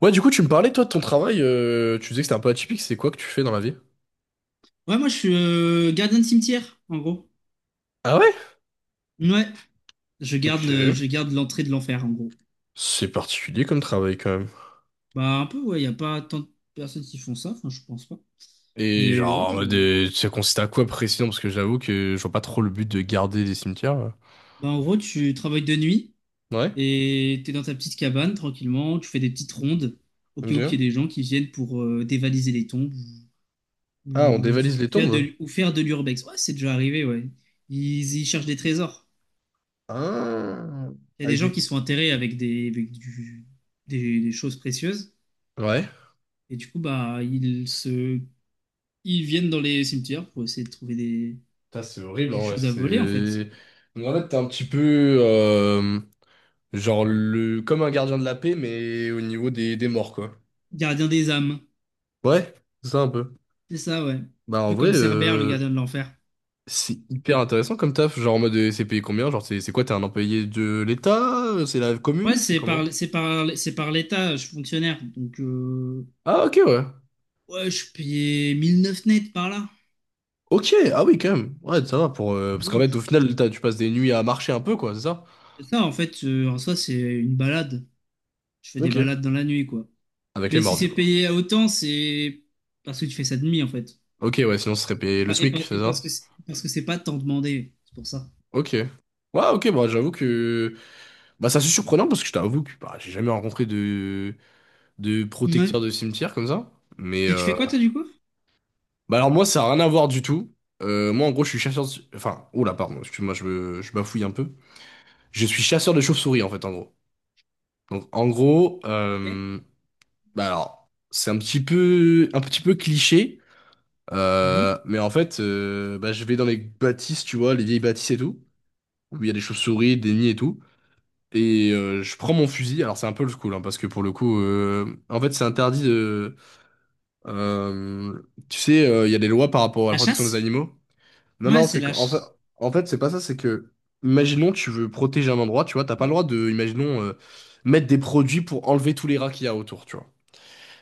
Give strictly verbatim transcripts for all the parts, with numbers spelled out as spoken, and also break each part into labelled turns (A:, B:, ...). A: Ouais, du coup, tu me parlais, toi, de ton travail. Euh, tu disais que c'était un peu atypique. C'est quoi que tu fais dans la vie?
B: Ouais, moi je suis euh, gardien de cimetière, en gros.
A: Ah ouais?
B: Ouais, je garde le,
A: Ok.
B: je garde l'entrée de l'enfer, en gros.
A: C'est particulier comme travail, quand même.
B: Bah un peu, ouais, il n'y a pas tant de personnes qui font ça, enfin je pense pas.
A: Et
B: Mais ouais,
A: genre, en mode,
B: euh,
A: euh, ça consiste à quoi précisément? Parce que j'avoue que je vois pas trop le but de garder des cimetières là.
B: bah en gros tu travailles de nuit
A: Ouais.
B: et t'es dans ta petite cabane tranquillement, tu fais des petites rondes au cas où il y ait
A: Ok.
B: des gens qui viennent pour euh, dévaliser les tombes
A: Ah, on
B: ou, ou
A: dévalise les
B: faire
A: tombes?
B: de, ou faire de l'urbex. Ouais, c'est déjà arrivé, ouais. Ils, ils cherchent des trésors.
A: Ah.
B: Il y a des
A: Avec
B: gens
A: des...
B: qui sont enterrés avec des, avec du- des des choses précieuses.
A: Ouais.
B: Et du coup, bah, ils se ils viennent dans les cimetières pour essayer de trouver des,
A: Putain, c'est horrible,
B: des
A: en vrai.
B: choses à voler, en fait.
A: C'est... Donc, en fait, t'es un petit peu... euh, genre, le... comme un gardien de la paix, mais au niveau des, des morts, quoi.
B: Gardien des âmes.
A: Ouais, c'est ça un peu.
B: C'est ça, ouais. Un
A: Bah, en
B: peu
A: vrai...
B: comme Cerbère, le
A: euh,
B: gardien de l'enfer.
A: C'est hyper intéressant comme taf, genre en mode euh, c'est payé combien? Genre c'est c'est quoi, t'es un employé de l'État? euh, C'est la
B: Ouais,
A: commune? C'est
B: c'est
A: comment?
B: par, c'est par, c'est par l'État, je suis fonctionnaire. Donc, euh,
A: Ah ok ouais.
B: ouais, je payais mille neuf net par là.
A: Ok, ah oui quand même. Ouais, ça va pour... euh, Parce qu'en
B: Oui,
A: fait au final t'as- tu passes des nuits à marcher un peu quoi, c'est ça?
B: c'est ça, en fait. Euh, en soi, c'est une balade. Je fais des
A: Ok.
B: balades dans la nuit, quoi.
A: Avec les
B: Mais si
A: mordus
B: c'est
A: quoi.
B: payé à autant, c'est parce que tu fais ça de nuit, en fait.
A: Ok ouais, sinon ce serait
B: Et,
A: payé le
B: pas, et, pas-
A: SMIC, c'est
B: et parce
A: ça?
B: que c'est, parce que c'est pas tant demandé. C'est pour ça.
A: Ok. Ouais ok, bah j'avoue que... Bah ça c'est surprenant parce que je t'avoue que bah, j'ai jamais rencontré de... de
B: Ouais.
A: protecteur de cimetière comme ça. Mais...
B: Tu, tu fais
A: euh,
B: quoi, toi, du coup?
A: Bah alors moi, ça n'a rien à voir du tout. Euh, moi, en gros, je suis chasseur de... Enfin, oula, pardon, excuse-moi, je, me- je bafouille un peu. Je suis chasseur de chauves-souris, en fait, en gros. Donc, en gros,
B: Ok.
A: euh, bah alors, c'est un petit peu, un petit peu cliché,
B: Mhm.
A: euh, mais en fait, euh, bah, je vais dans les bâtisses, tu vois, les vieilles bâtisses et tout, où il y a des chauves-souris, des nids et tout, et euh, je prends mon fusil. Alors, c'est un peu le cool, hein, parce que pour le coup, euh, en fait, c'est interdit de... euh, tu sais, euh, il y a des lois par rapport à la
B: La
A: protection des
B: chasse?
A: animaux. Non,
B: Ouais,
A: non,
B: c'est
A: c'est qu'en fait,
B: lâche.
A: en fait, c'est pas ça, c'est que, imaginons, tu veux protéger un endroit, tu vois, t'as pas le droit de, imaginons, euh, mettre des produits pour enlever tous les rats qu'il y a autour, tu vois.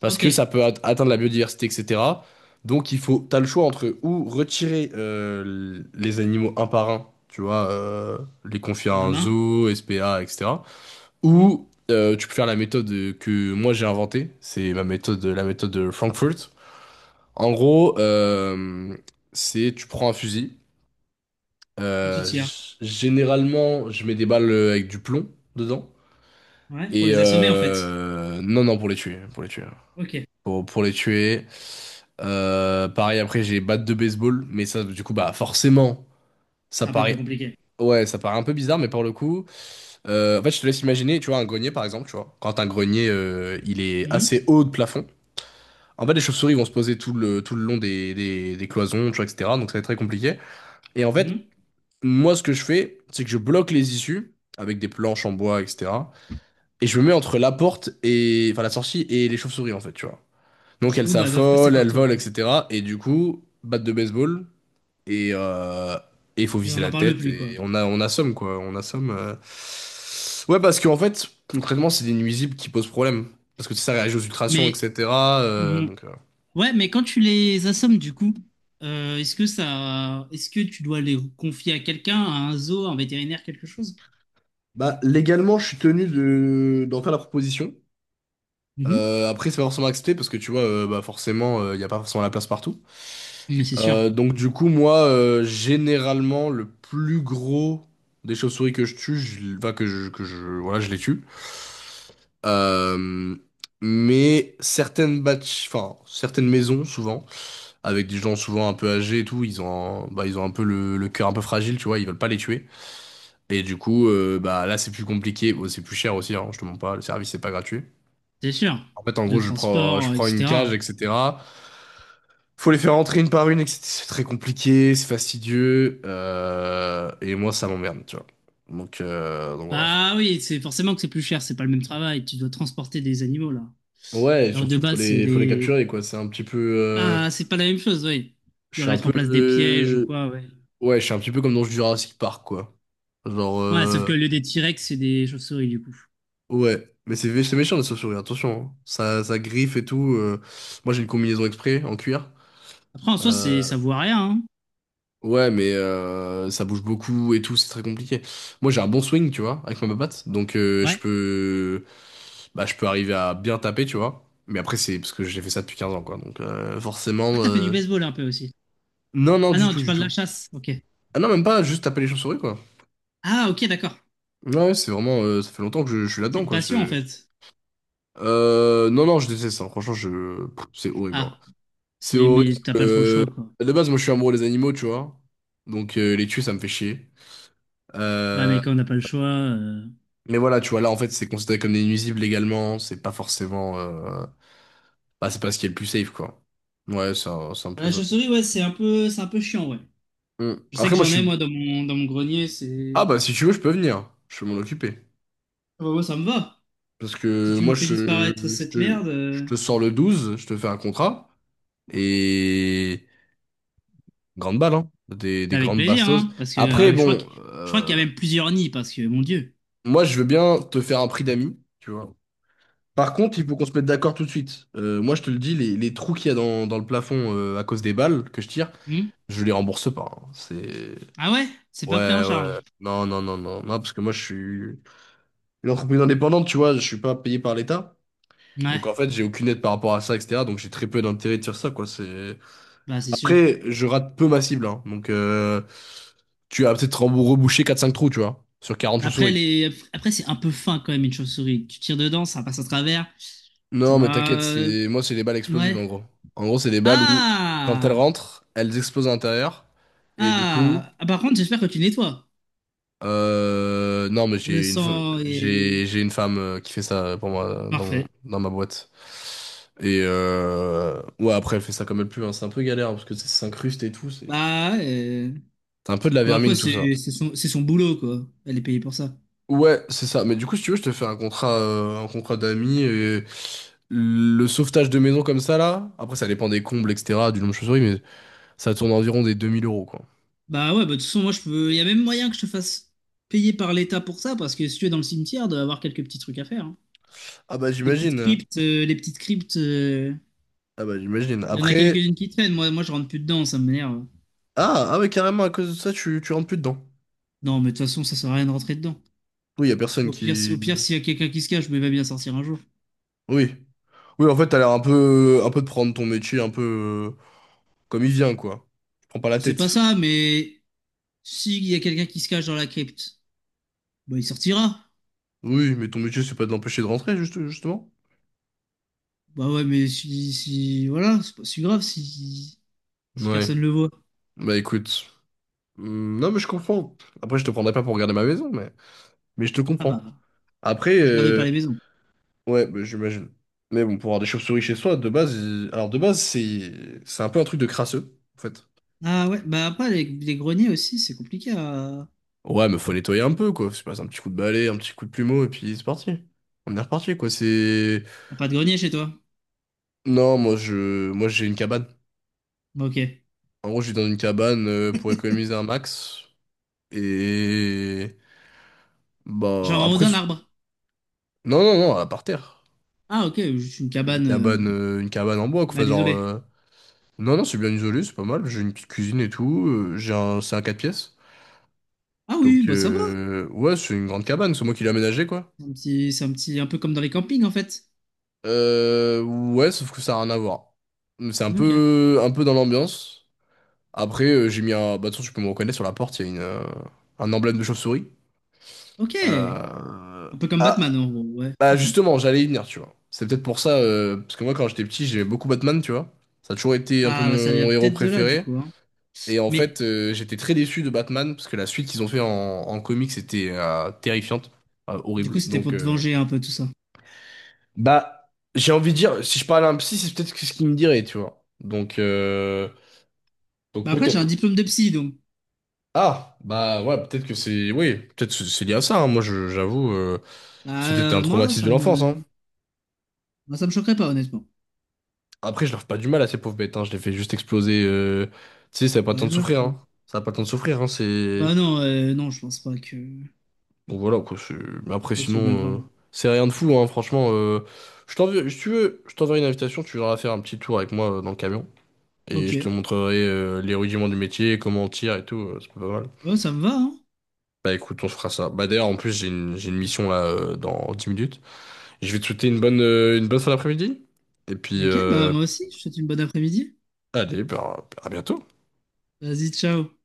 A: Parce
B: Ok.
A: que ça peut at- atteindre la biodiversité, et cetera. Donc, il faut, t'as le choix entre ou retirer euh, l- les animaux un par un, tu vois, euh, les confier
B: À
A: à
B: la
A: un
B: main.
A: zoo, S P A, et cetera.
B: Hmm.
A: Ou euh, tu peux faire la méthode que moi j'ai inventée, c'est ma méthode, la méthode de Frankfurt. En gros, euh, c'est tu prends un fusil.
B: Et tu
A: Euh,
B: tires.
A: g- généralement, je mets des balles euh, avec du plomb dedans.
B: Ouais, pour
A: Et
B: les assommer, en fait.
A: euh, non, non, pour les tuer, pour les tuer,
B: Ok.
A: pour, pour les tuer. Euh, pareil, après, j'ai batte de baseball, mais ça, du coup, bah, forcément, ça
B: C'est un peu plus
A: paraît,
B: compliqué.
A: ouais, ça paraît un peu bizarre, mais pour le coup, euh, en fait, je te laisse imaginer, tu vois, un grenier, par exemple, tu vois, quand un grenier, euh, il est
B: Hmm.
A: assez haut de plafond. En fait, les chauves-souris vont se poser tout le, tout le long des, des, des cloisons, tu vois, et cetera. Donc, ça va être très compliqué. Et en fait,
B: Mhm.
A: moi, ce que je fais, c'est que je bloque les issues avec des planches en bois, et cetera. Et je me mets entre la porte et, enfin, la sortie et les chauves-souris, en fait, tu vois. Donc,
B: Du
A: elles
B: coup, bah, elles doivent passer
A: s'affolent,
B: par
A: elles
B: toi,
A: volent,
B: quoi.
A: et cetera. Et du coup, batte de baseball et euh, et il faut
B: Et
A: viser
B: on n'en
A: la
B: parle
A: tête
B: plus, quoi.
A: et on a, on assomme, quoi. On assomme. euh. Ouais, parce qu'en fait, concrètement, c'est des nuisibles qui posent problème. Parce que tu sais, ça réagit aux ultrations,
B: Mais
A: et cetera euh,
B: hmm,
A: Donc, euh.
B: ouais, mais quand tu les assommes du coup, euh, est-ce que ça, est-ce que tu dois les confier à quelqu'un, à un zoo, à un vétérinaire, quelque chose?
A: Bah, légalement, je suis tenu de... d'en faire la proposition.
B: Mhm.
A: Euh, après, c'est pas forcément accepté parce que tu vois, euh, bah forcément, il n'y a pas forcément la place partout.
B: Mais c'est sûr,
A: Euh, donc, du coup, moi, euh, généralement, le plus gros des chauves-souris que je tue, je, enfin, que je, que je, voilà, je les tue. Euh, mais certaines batch, enfin, certaines maisons, souvent, avec des gens souvent un peu âgés et tout, ils ont, un- bah, ils ont un peu le, le cœur un peu fragile, tu vois, ils veulent pas les tuer. Et du coup, euh, bah là, c'est plus compliqué. Bon, c'est plus cher aussi, hein, je te mens pas, le service, c'est pas gratuit.
B: c'est sûr,
A: En fait, en
B: de
A: gros, je prends, je
B: transport,
A: prends une cage,
B: et cetera.
A: et cetera. Faut les faire entrer une par une, et cetera. C'est très compliqué, c'est fastidieux, euh, et moi ça m'emmerde, tu vois. Donc, euh, donc voilà. Enfin.
B: Bah oui, c'est forcément que c'est plus cher, c'est pas le même travail, tu dois transporter des animaux là.
A: Ouais, et
B: Alors de
A: surtout faut
B: base, c'est
A: les, faut les
B: les…
A: capturer, quoi. C'est un petit peu, euh,
B: Bah, c'est pas la même chose, oui.
A: je
B: Tu dois
A: suis un
B: mettre
A: peu,
B: en place des pièges ou
A: euh,
B: quoi, ouais.
A: ouais, je suis un petit peu comme dans Jurassic Park, quoi. Genre,
B: Ouais, sauf
A: euh,
B: que le lieu des T-Rex, c'est des chauves-souris du coup.
A: ouais, mais c'est c'est méchant les chauves-souris, attention, hein. Ça, ça griffe et tout. euh. Moi j'ai une combinaison exprès en cuir.
B: Après, en soi, c'est
A: euh,
B: ça voit rien, hein.
A: Ouais, mais euh, ça bouge beaucoup et tout, c'est très compliqué. Moi, j'ai un bon swing, tu vois, avec ma patte, donc euh, je
B: Ouais.
A: peux, bah, je peux arriver à bien taper, tu vois. Mais après, c'est parce que j'ai fait ça depuis quinze ans, quoi. Donc euh,
B: Ouais,
A: forcément,
B: t'as fait du
A: euh,
B: baseball un peu aussi.
A: non, non,
B: Ah
A: du
B: non,
A: tout,
B: tu
A: du
B: parles de la
A: tout.
B: chasse, ok.
A: Ah non, même pas, juste taper les chauves-souris, quoi.
B: Ah, ok, d'accord.
A: Ouais, ouais, c'est vraiment, euh, ça fait longtemps que je, je suis
B: C'est
A: là-dedans,
B: une
A: quoi.
B: passion en
A: c'est-
B: fait.
A: Euh, non, non, je déteste ça. Franchement, je, pff, c'est horrible, hein.
B: Ah,
A: C'est
B: c'est- mais
A: horrible.
B: t'as pas trop le
A: euh,
B: choix, quoi.
A: De base, moi, je suis amoureux des animaux, tu vois. Donc euh, les tuer, ça me fait chier.
B: Ouais,
A: Euh...
B: mais quand on n'a pas le choix… euh,
A: Mais voilà, tu vois, là, en fait, c'est considéré comme des nuisibles légalement, c'est pas forcément... euh, bah, c'est pas ce qui est le plus safe, quoi. Ouais, c'est un, c'est un
B: Bah,
A: peu
B: la
A: ça.
B: chauve-souris, ouais, c'est un peu, c'est un peu chiant, ouais.
A: Hmm.
B: Je sais
A: Après,
B: que
A: moi, je
B: j'en ai,
A: suis...
B: moi, dans mon, dans mon grenier,
A: Ah,
B: c'est…
A: bah, si tu veux, je peux venir. Je peux m'en occuper.
B: Ah bah, moi, ça me va.
A: Parce
B: Si
A: que
B: tu me
A: moi,
B: fais
A: je,
B: disparaître
A: je
B: cette
A: te...
B: merde,
A: je
B: euh,
A: te sors le douze, je te fais un contrat, et... Grande balle, hein. Des, des
B: avec
A: grandes
B: plaisir,
A: bastos.
B: hein, parce que
A: Après,
B: euh, je crois que
A: bon,
B: je crois qu'il y
A: euh,
B: a même plusieurs nids, parce que mon Dieu.
A: moi, je veux bien te faire un prix d'amis, tu vois. Par contre, il faut qu'on se mette d'accord tout de suite. Euh, moi, je te le dis, les, les trous qu'il y a dans, dans le plafond euh, à cause des balles que je tire,
B: Hmm.
A: je les rembourse pas, hein. C'est.
B: Ah ouais? C'est pas pris en
A: Ouais,
B: charge.
A: ouais. Non, non, non, non. Non, parce que moi, je suis une entreprise indépendante, tu vois, je suis pas payé par l'État.
B: Ouais,
A: Donc, en fait, j'ai aucune aide par rapport à ça, et cetera. Donc, j'ai très peu d'intérêt de faire ça, quoi. C'est...
B: bah c'est sûr.
A: Après, je rate peu ma cible, hein. Donc, euh, tu vas peut-être rembou- reboucher quatre cinq trous, tu vois, sur quarante
B: Après
A: chauves-souris.
B: les, après c'est un peu fin quand même une chauve-souris. Tu tires dedans, ça passe à travers, ça
A: Non, mais
B: va.
A: t'inquiète,
B: euh,
A: c'est... moi, c'est les balles explosives,
B: Ouais.
A: en gros. En gros, c'est des balles où, quand elles
B: Ah!
A: rentrent, elles explosent à l'intérieur. Et du coup.
B: Ah! Ah, par contre, j'espère que tu nettoies.
A: Euh, non, mais
B: Le
A: j'ai une, fe-
B: sang est
A: j'ai, j'ai une femme euh, qui fait ça pour moi dans, mon-
B: parfait.
A: dans ma boîte. Et euh, ouais, après, elle fait ça comme elle peut, hein. C'est un peu galère hein, parce que ça s'incruste et tout. C'est
B: Bah, ouais, euh,
A: c'est un peu de la
B: bon après
A: vermine, tout
B: c'est
A: ça.
B: c'est son c'est son boulot quoi. Elle est payée pour ça.
A: Ouais, c'est ça. Mais du coup, si tu veux, je te fais un contrat, euh, un contrat d'amis et le sauvetage de maison comme ça, là. Après, ça dépend des combles, et cetera, du nombre de chauves-souris, mais ça tourne environ des deux mille euros, quoi.
B: Bah ouais, bah, de toute façon, moi, je peux. Il y a même moyen que je te fasse payer par l'État pour ça, parce que si tu es dans le cimetière, il doit avoir quelques petits trucs à faire, hein.
A: Ah bah,
B: Des petites
A: j'imagine.
B: cryptes, euh, les petites cryptes, euh,
A: Ah bah, j'imagine.
B: il y en a
A: Après.
B: quelques-unes qui traînent. Moi, moi, je rentre plus dedans, ça m'énerve.
A: Ah, ah ouais, carrément, à cause de ça, tu, tu rentres plus dedans.
B: Non, mais de toute façon, ça sert à rien de rentrer dedans.
A: Oui, y a personne
B: Au pire, si,
A: qui.
B: au pire, s'il y a quelqu'un qui se cache, mais il va bien sortir un jour.
A: Oui. Oui, en fait, t'as l'air un peu, un peu de prendre ton métier un peu euh, comme il vient, quoi. Tu prends pas la
B: C'est pas
A: tête.
B: ça, mais s'il y a quelqu'un qui se cache dans la crypte, bah, il sortira.
A: Oui, mais ton métier, c'est pas de l'empêcher de rentrer, juste, justement.
B: Bah ouais, mais si, si, voilà, c'est pas si grave si, si
A: Ouais.
B: personne le voit.
A: Bah écoute. Hmm, non, mais je comprends. Après, je te prendrai pas pour regarder ma maison, mais, mais je te
B: Ah bah,
A: comprends. Après,
B: moi, je garde pas
A: euh,
B: les maisons.
A: ouais, bah, j'imagine. Mais bon, pour avoir des chauves-souris chez soi, de base, il- alors de base, c'est c'est un peu un truc de crasseux, en fait.
B: Ah ouais, bah après, les, les greniers aussi, c'est compliqué à…
A: Ouais, mais faut nettoyer un peu, quoi. C'est pas un petit coup de balai, un petit coup de plumeau, et puis c'est parti. On est reparti, quoi. C'est.
B: à pas de grenier chez toi.
A: Non, moi je moi j'ai une cabane.
B: Bah, ok.
A: En gros, je vis dans une cabane euh, pour économiser un max. Et bah
B: Genre en haut
A: après
B: d'un
A: c'est-
B: arbre.
A: non non non, à par terre.
B: Ah ok, juste une
A: Une
B: cabane
A: cabane
B: euh,
A: euh, une cabane en bois quoi. Enfin,
B: mal
A: genre
B: isolée.
A: euh, non non, c'est bien isolé, c'est pas mal. J'ai une petite cuisine et tout, euh, j'ai un c'est un quatre pièces.
B: Ah oui,
A: Donc
B: bah ça va.
A: euh, ouais, c'est une grande cabane, c'est moi qui l'ai aménagée quoi.
B: C'est un petit, c'est un petit, un peu comme dans les campings en fait.
A: Euh, ouais, sauf que ça a rien à voir. C'est un
B: Ok.
A: peu un peu dans l'ambiance. Après euh, j'ai mis un bah de toute façon, tu peux me reconnaître sur la porte, il y a une euh, un emblème de chauve-souris.
B: Ok.
A: Euh,
B: Un peu comme
A: Ah,
B: Batman en gros, ouais.
A: bah
B: Ok.
A: justement, j'allais y venir, tu vois. C'est peut-être pour ça, euh, parce que moi, quand j'étais petit, j'aimais beaucoup Batman, tu vois. Ça a toujours été un peu
B: Ah bah ça vient
A: mon héros
B: peut-être de là du
A: préféré.
B: coup, hein.
A: Et en
B: Mais
A: fait, euh, j'étais très déçu de Batman, parce que la suite qu'ils ont fait en, en comics était euh, terrifiante, euh,
B: du
A: horrible.
B: coup, c'était
A: Donc,
B: pour te
A: euh,
B: venger un peu tout ça.
A: bah, j'ai envie de dire, si je parlais à un psy, c'est peut-être ce qu'il me dirait, tu vois. Donc, euh, donc
B: Bah après, j'ai un
A: peut-être.
B: diplôme de psy, donc.
A: Ah, bah ouais, peut-être que c'est... Oui, peut-être que c'est lié à ça, hein. Moi, je- j'avoue, euh,
B: Bah
A: c'était un
B: euh, moi,
A: traumatisme
B: ça
A: de l'enfance, hein.
B: me. Moi, ça me choquerait pas, honnêtement.
A: Après, je leur fais pas du mal à ces pauvres bêtes, hein. Je les fais juste exploser. euh, Tu sais, ça n'a pas le
B: Bah
A: temps
B: elle
A: de
B: meurt,
A: souffrir,
B: quoi.
A: hein. Ça n'a pas le temps de souffrir, hein. C'est...
B: Bah non, euh, non, je pense pas que…
A: Bon, voilà, quoi. c'est- Mais après,
B: pas que ce soit bien
A: sinon, euh,
B: grave.
A: c'est rien de fou, hein. Franchement, euh, je t'enverrai, si tu veux, je t'enverrai une invitation. Tu viendras faire un petit tour avec moi euh, dans le camion. Et
B: Ok.
A: je te montrerai euh, les rudiments du métier, comment on tire et tout. euh, C'est pas mal.
B: Oh, ça me va, hein?
A: Bah écoute, on se fera ça. Bah d'ailleurs, en plus, j'ai une, j'ai une mission là euh, dans dix minutes. Je vais te souhaiter une bonne, euh, une bonne fin d'après-midi. Et puis,
B: Ok, bah
A: euh,
B: moi aussi, je te souhaite une bonne après-midi.
A: allez, bah, à bientôt.
B: Vas-y, ciao.